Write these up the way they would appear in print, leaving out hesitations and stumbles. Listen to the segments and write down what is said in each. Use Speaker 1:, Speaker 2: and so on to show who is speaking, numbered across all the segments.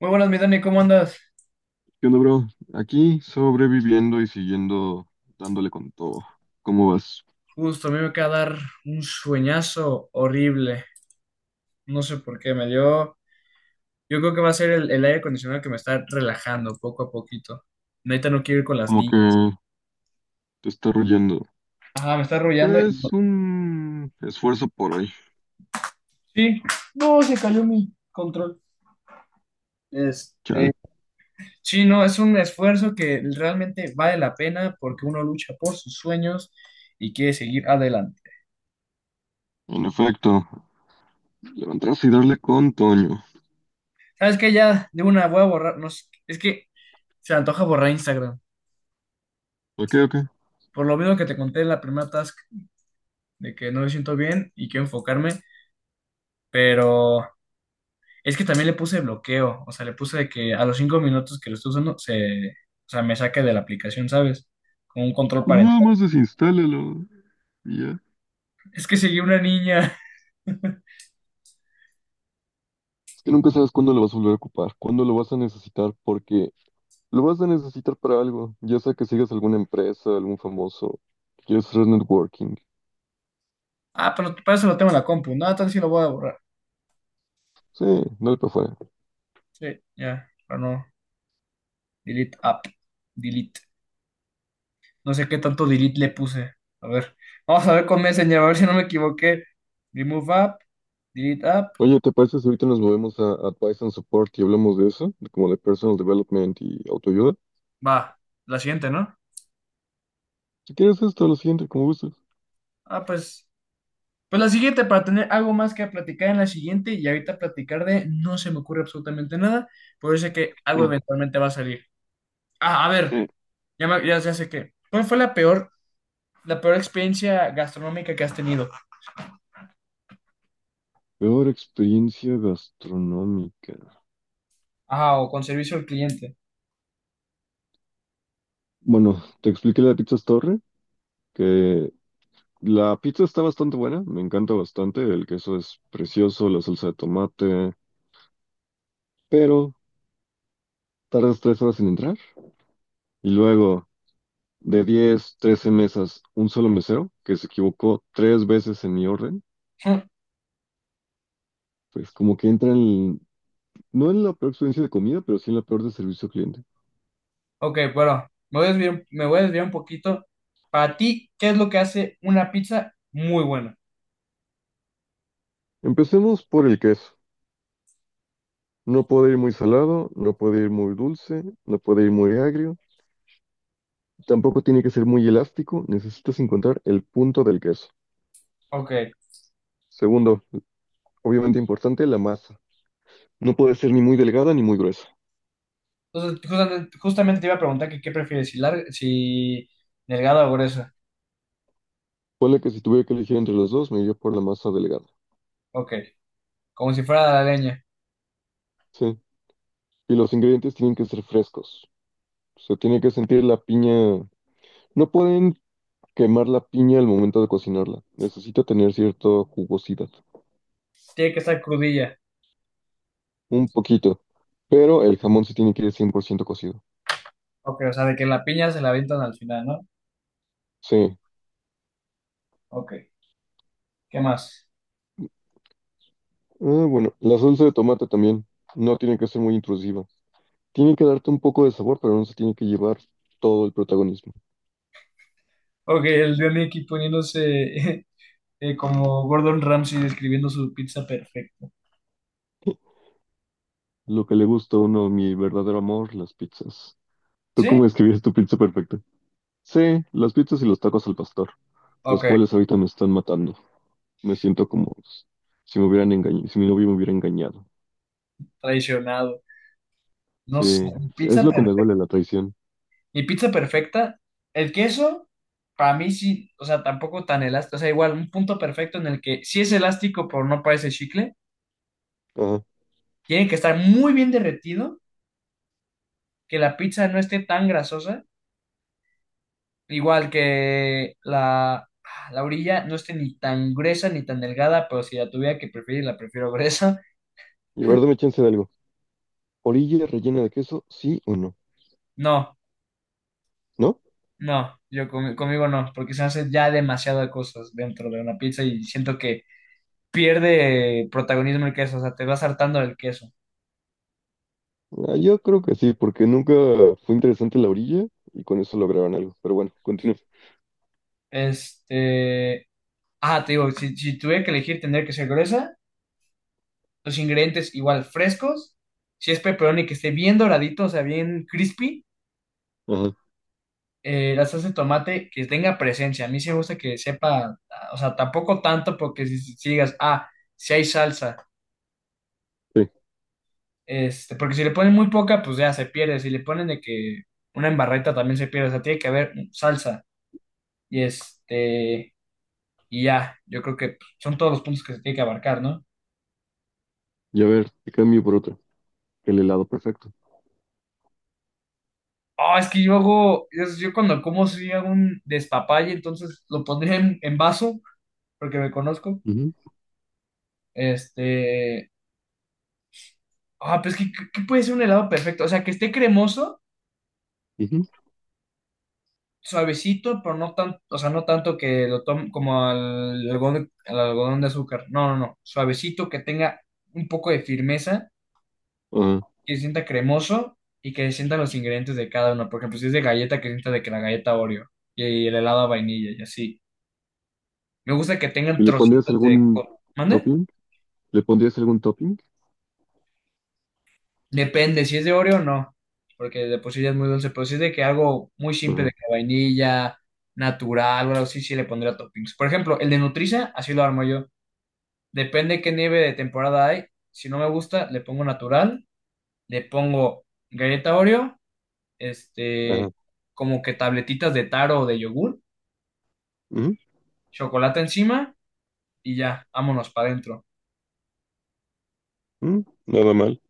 Speaker 1: Muy buenas, mi Dani, ¿cómo andas?
Speaker 2: ¿Qué onda, bro? Aquí sobreviviendo y siguiendo dándole con todo. ¿Cómo vas?
Speaker 1: Justo, a mí me acaba de dar un sueñazo horrible. No sé por qué, me dio. Yo creo que va a ser el aire acondicionado que me está relajando poco a poquito. Neta, no quiero ir con las
Speaker 2: Como que
Speaker 1: niñas.
Speaker 2: te está royendo.
Speaker 1: Ajá, me está arrullando y.
Speaker 2: Pues un esfuerzo por hoy.
Speaker 1: Sí, no, se cayó mi control. Este.
Speaker 2: Chale.
Speaker 1: Sí, no, es un esfuerzo que realmente vale la pena porque uno lucha por sus sueños y quiere seguir adelante.
Speaker 2: En efecto, levantarse y darle con Toño.
Speaker 1: ¿Sabes qué? Ya de una voy a borrar. No, sé, es que se me antoja borrar Instagram.
Speaker 2: Ok, ok.
Speaker 1: Por lo mismo que te conté en la primera de que no me siento bien y quiero enfocarme, pero es que también le puse bloqueo, o sea, le puse de que a los 5 minutos que lo estoy usando, se, o sea, me saque de la aplicación, ¿sabes? Con un control
Speaker 2: Pues nada
Speaker 1: parental.
Speaker 2: más desinstálalo. Y ya.
Speaker 1: Es que seguí una niña.
Speaker 2: Es que nunca sabes cuándo lo vas a volver a ocupar, cuándo lo vas a necesitar, porque lo vas a necesitar para algo, ya sea que sigas alguna empresa, algún famoso, que quieres hacer networking.
Speaker 1: Ah, pero para eso lo tengo en la compu. No, entonces sí lo voy a borrar.
Speaker 2: Sí, dale para afuera.
Speaker 1: Sí, ya, pero no. Delete app. Delete. No sé qué tanto delete le puse. A ver, vamos a ver con Messenger, a ver si no me equivoqué. Remove app, delete app.
Speaker 2: Oye, ¿te parece si ahorita nos movemos a Advice and Support y hablamos de eso? De como de Personal Development y autoayuda.
Speaker 1: Va, la siguiente, ¿no?
Speaker 2: Si quieres esto, lo siguiente, como gustes.
Speaker 1: Ah, pues. Pues la siguiente, para tener algo más que platicar en la siguiente, y ahorita platicar de no se me ocurre absolutamente nada, pero yo sé que algo
Speaker 2: Mm,
Speaker 1: eventualmente va a salir. Ah, a ver,
Speaker 2: sí.
Speaker 1: ya, ya sé qué. ¿Cuál fue la peor experiencia gastronómica que has tenido?
Speaker 2: Peor experiencia gastronómica.
Speaker 1: Ah, o con servicio al cliente.
Speaker 2: Bueno, te expliqué la de Pizzas Torre, que la pizza está bastante buena, me encanta bastante, el queso es precioso, la salsa de tomate, pero tardas tres horas en entrar. Y luego, de 10, 13 mesas, un solo mesero, que se equivocó tres veces en mi orden,
Speaker 1: Hmm.
Speaker 2: pues como que entran. No en la peor experiencia de comida, pero sí en la peor de servicio al cliente.
Speaker 1: Ok, bueno, me voy a desviar un poquito. Para ti, ¿qué es lo que hace una pizza muy buena?
Speaker 2: Empecemos por el queso. No puede ir muy salado, no puede ir muy dulce, no puede ir muy agrio, tampoco tiene que ser muy elástico, necesitas encontrar el punto del queso.
Speaker 1: Ok,
Speaker 2: Segundo, obviamente importante, la masa. No puede ser ni muy delgada ni muy gruesa.
Speaker 1: entonces justamente te iba a preguntar que qué prefieres, si, larga, si delgada o gruesa.
Speaker 2: Ponle que si tuviera que elegir entre los dos, me iría por la masa delgada.
Speaker 1: Ok, como si fuera la leña.
Speaker 2: Sí. Y los
Speaker 1: Ok.
Speaker 2: ingredientes tienen que ser frescos. Se tiene que sentir la piña. No pueden quemar la piña al momento de cocinarla. Necesita tener cierta jugosidad.
Speaker 1: Tiene que estar crudilla.
Speaker 2: Un poquito. Pero el jamón sí tiene que ir 100% cocido.
Speaker 1: Ok, o sea, de que la piña se la avientan al final, ¿no?
Speaker 2: Sí.
Speaker 1: Ok, ¿qué más?
Speaker 2: Ah, bueno, la salsa de tomate también. No tiene que ser muy intrusiva. Tiene que darte un poco de sabor, pero no se tiene que llevar todo el protagonismo.
Speaker 1: Ok, el de Mickey poniéndose como Gordon Ramsay describiendo su pizza perfecta.
Speaker 2: Lo que le gusta a uno, mi verdadero amor, las pizzas. ¿Tú
Speaker 1: ¿Sí?
Speaker 2: cómo escribías tu pizza perfecta? Sí, las pizzas y los tacos al pastor, los
Speaker 1: Ok,
Speaker 2: cuales ahorita me están matando. Me siento como si me hubieran engañado, si mi novio me hubiera engañado.
Speaker 1: traicionado. No
Speaker 2: Sí,
Speaker 1: sé, mi
Speaker 2: es
Speaker 1: pizza
Speaker 2: lo que me
Speaker 1: perfecta.
Speaker 2: duele la traición.
Speaker 1: Mi pizza perfecta, el queso, para mí sí, o sea, tampoco tan elástico. O sea, igual, un punto perfecto en el que sí es elástico, pero no parece chicle.
Speaker 2: Ajá.
Speaker 1: Tiene que estar muy bien derretido, que la pizza no esté tan grasosa. Igual que la orilla no esté ni tan gruesa ni tan delgada, pero si la tuviera que preferir, la prefiero gruesa.
Speaker 2: Y a ver, dame chance de algo. ¿Orilla rellena de queso? ¿Sí o no?
Speaker 1: No,
Speaker 2: ¿No?
Speaker 1: no, conmigo no, porque se hace ya demasiadas cosas dentro de una pizza y siento que pierde protagonismo el queso, o sea, te vas hartando del queso.
Speaker 2: Ah, yo creo que sí, porque nunca fue interesante la orilla y con eso lograron algo. Pero bueno, continúe.
Speaker 1: Este, te digo, si tuviera que elegir, tendría que ser gruesa, los ingredientes igual frescos, si es pepperoni que esté bien doradito, o sea, bien crispy.
Speaker 2: Ajá,
Speaker 1: La salsa de tomate que tenga presencia. A mí sí me gusta que sepa, o sea, tampoco tanto porque si digas, si hay salsa,
Speaker 2: sí.
Speaker 1: porque si le ponen muy poca, pues ya se pierde. Si le ponen de que una embarreta también se pierde, o sea, tiene que haber salsa y y ya, yo creo que pues, son todos los puntos que se tiene que abarcar, ¿no?
Speaker 2: Y a ver, te cambio por otra. El helado perfecto.
Speaker 1: Oh, es que yo cuando como si hago un despapalle, entonces lo pondría en, vaso, porque me conozco.
Speaker 2: Ujú,
Speaker 1: Este, pues que puede ser un helado perfecto, o sea, que esté cremoso,
Speaker 2: ujú.
Speaker 1: suavecito, pero no tan, o sea, no tanto que lo tome como al algodón de azúcar. No, no, no. Suavecito, que tenga un poco de firmeza,
Speaker 2: Ajá.
Speaker 1: que se sienta cremoso y que se sientan los ingredientes de cada uno. Por ejemplo, si es de galleta, que se sienta de que la galleta Oreo y el helado a vainilla y así. Me gusta que tengan
Speaker 2: ¿Y le pondrías
Speaker 1: trocitos de
Speaker 2: algún
Speaker 1: ¿Mande?
Speaker 2: topping? ¿Le pondrías algún topping?
Speaker 1: Depende, si es de Oreo no, porque de por sí ya es muy dulce, pero si es de que algo muy simple de
Speaker 2: Ajá.
Speaker 1: que vainilla, natural o algo así, sí le pondría toppings. Por ejemplo, el de Nutriza, así lo armo yo. Depende qué nieve de temporada hay. Si no me gusta, le pongo natural, le pongo galleta Oreo,
Speaker 2: Ajá.
Speaker 1: este, como que tabletitas de taro o de yogur,
Speaker 2: Ujú,
Speaker 1: chocolate encima y ya, vámonos para adentro.
Speaker 2: ujú. Nada mal.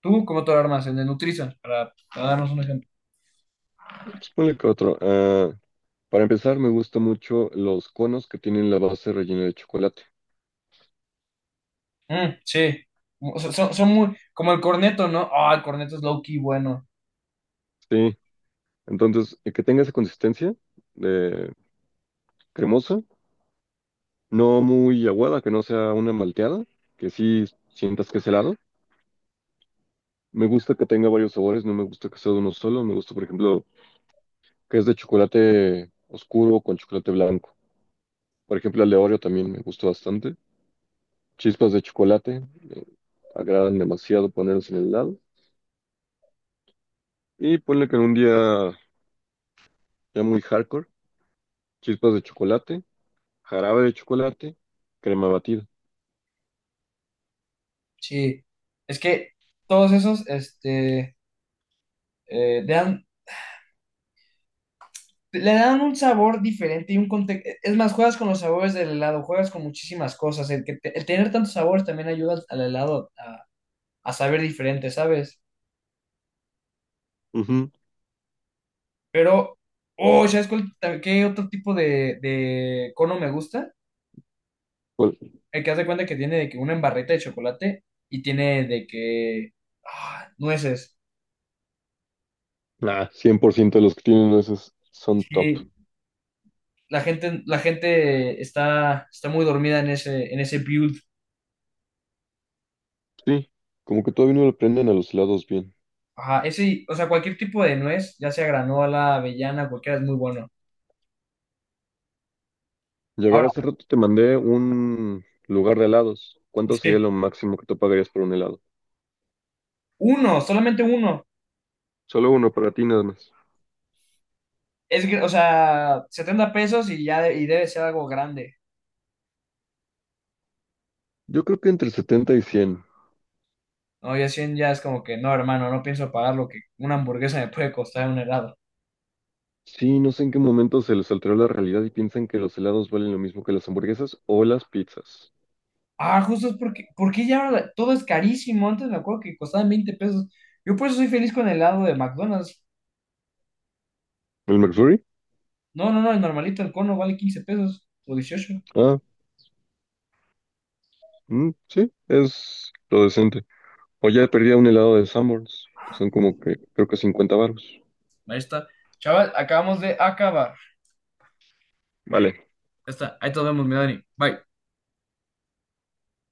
Speaker 1: ¿Tú cómo te lo armas en el Nutrisan? Para darnos un ejemplo.
Speaker 2: Pues ponle que otro. Ah, para empezar, me gustan mucho los conos que tienen la base rellena de chocolate.
Speaker 1: Mm, sí. O sea, son muy, como el corneto, ¿no? Ah, el corneto es low key bueno.
Speaker 2: Sí. Entonces, que tenga esa consistencia de cremosa, no muy aguada, que no sea una malteada, que sí sientas que es helado. Me gusta que tenga varios sabores, no me gusta que sea de uno solo. Me gusta, por ejemplo, que es de chocolate oscuro con chocolate blanco. Por ejemplo, el de Oreo también me gustó bastante. Chispas de chocolate, me agradan demasiado ponerlos en el helado. Y ponle que en un día ya muy hardcore, chispas de chocolate, jarabe de chocolate, crema batida.
Speaker 1: Sí. Es que todos esos, este, dan le dan un sabor diferente y un contexto. Es más, juegas con los sabores del helado, juegas con muchísimas cosas. El tener tantos sabores también ayuda al helado a, saber diferente, ¿sabes?
Speaker 2: Ujú.
Speaker 1: Pero, oh, ¿sabes qué otro tipo de cono me gusta?
Speaker 2: Pues,
Speaker 1: El que haz de cuenta que tiene de que una embarreta de chocolate y tiene de que nueces.
Speaker 2: nah, 100% de los que tienen esos son top.
Speaker 1: Sí, la gente está muy dormida en ese build.
Speaker 2: Sí, como que todavía no le prenden a los helados bien.
Speaker 1: Ajá, ese, o sea, cualquier tipo de nuez, ya sea granola, avellana, cualquiera, es muy bueno.
Speaker 2: Ya ver, hace
Speaker 1: Ahora,
Speaker 2: rato te mandé un lugar de helados. ¿Cuánto
Speaker 1: sí,
Speaker 2: sería lo máximo que tú pagarías por un helado?
Speaker 1: uno, solamente uno.
Speaker 2: Solo uno para ti nada más.
Speaker 1: O sea, 70 pesos y y debe ser algo grande.
Speaker 2: Yo creo que entre 70 y 100.
Speaker 1: No, ya 100 ya es como que, no, hermano, no pienso pagar lo que una hamburguesa me puede costar un helado.
Speaker 2: Sí, no sé en qué momento se les alteró la realidad y piensan que los helados valen lo mismo que las hamburguesas o las pizzas.
Speaker 1: Ah, justo es porque ya ahora todo es carísimo. Antes me acuerdo que costaban 20 pesos. Yo por eso soy feliz con el helado de McDonald's.
Speaker 2: ¿El McFlurry?
Speaker 1: No, no, no, el normalito, el cono vale 15 pesos o 18.
Speaker 2: Ah, mm, sí, es lo decente. O ya perdí un helado de Sanborns, que son como que creo que 50 baros.
Speaker 1: Ahí está. Chaval, acabamos de acabar.
Speaker 2: Vale,
Speaker 1: Ya está. Ahí te vemos, mi Dani. Bye.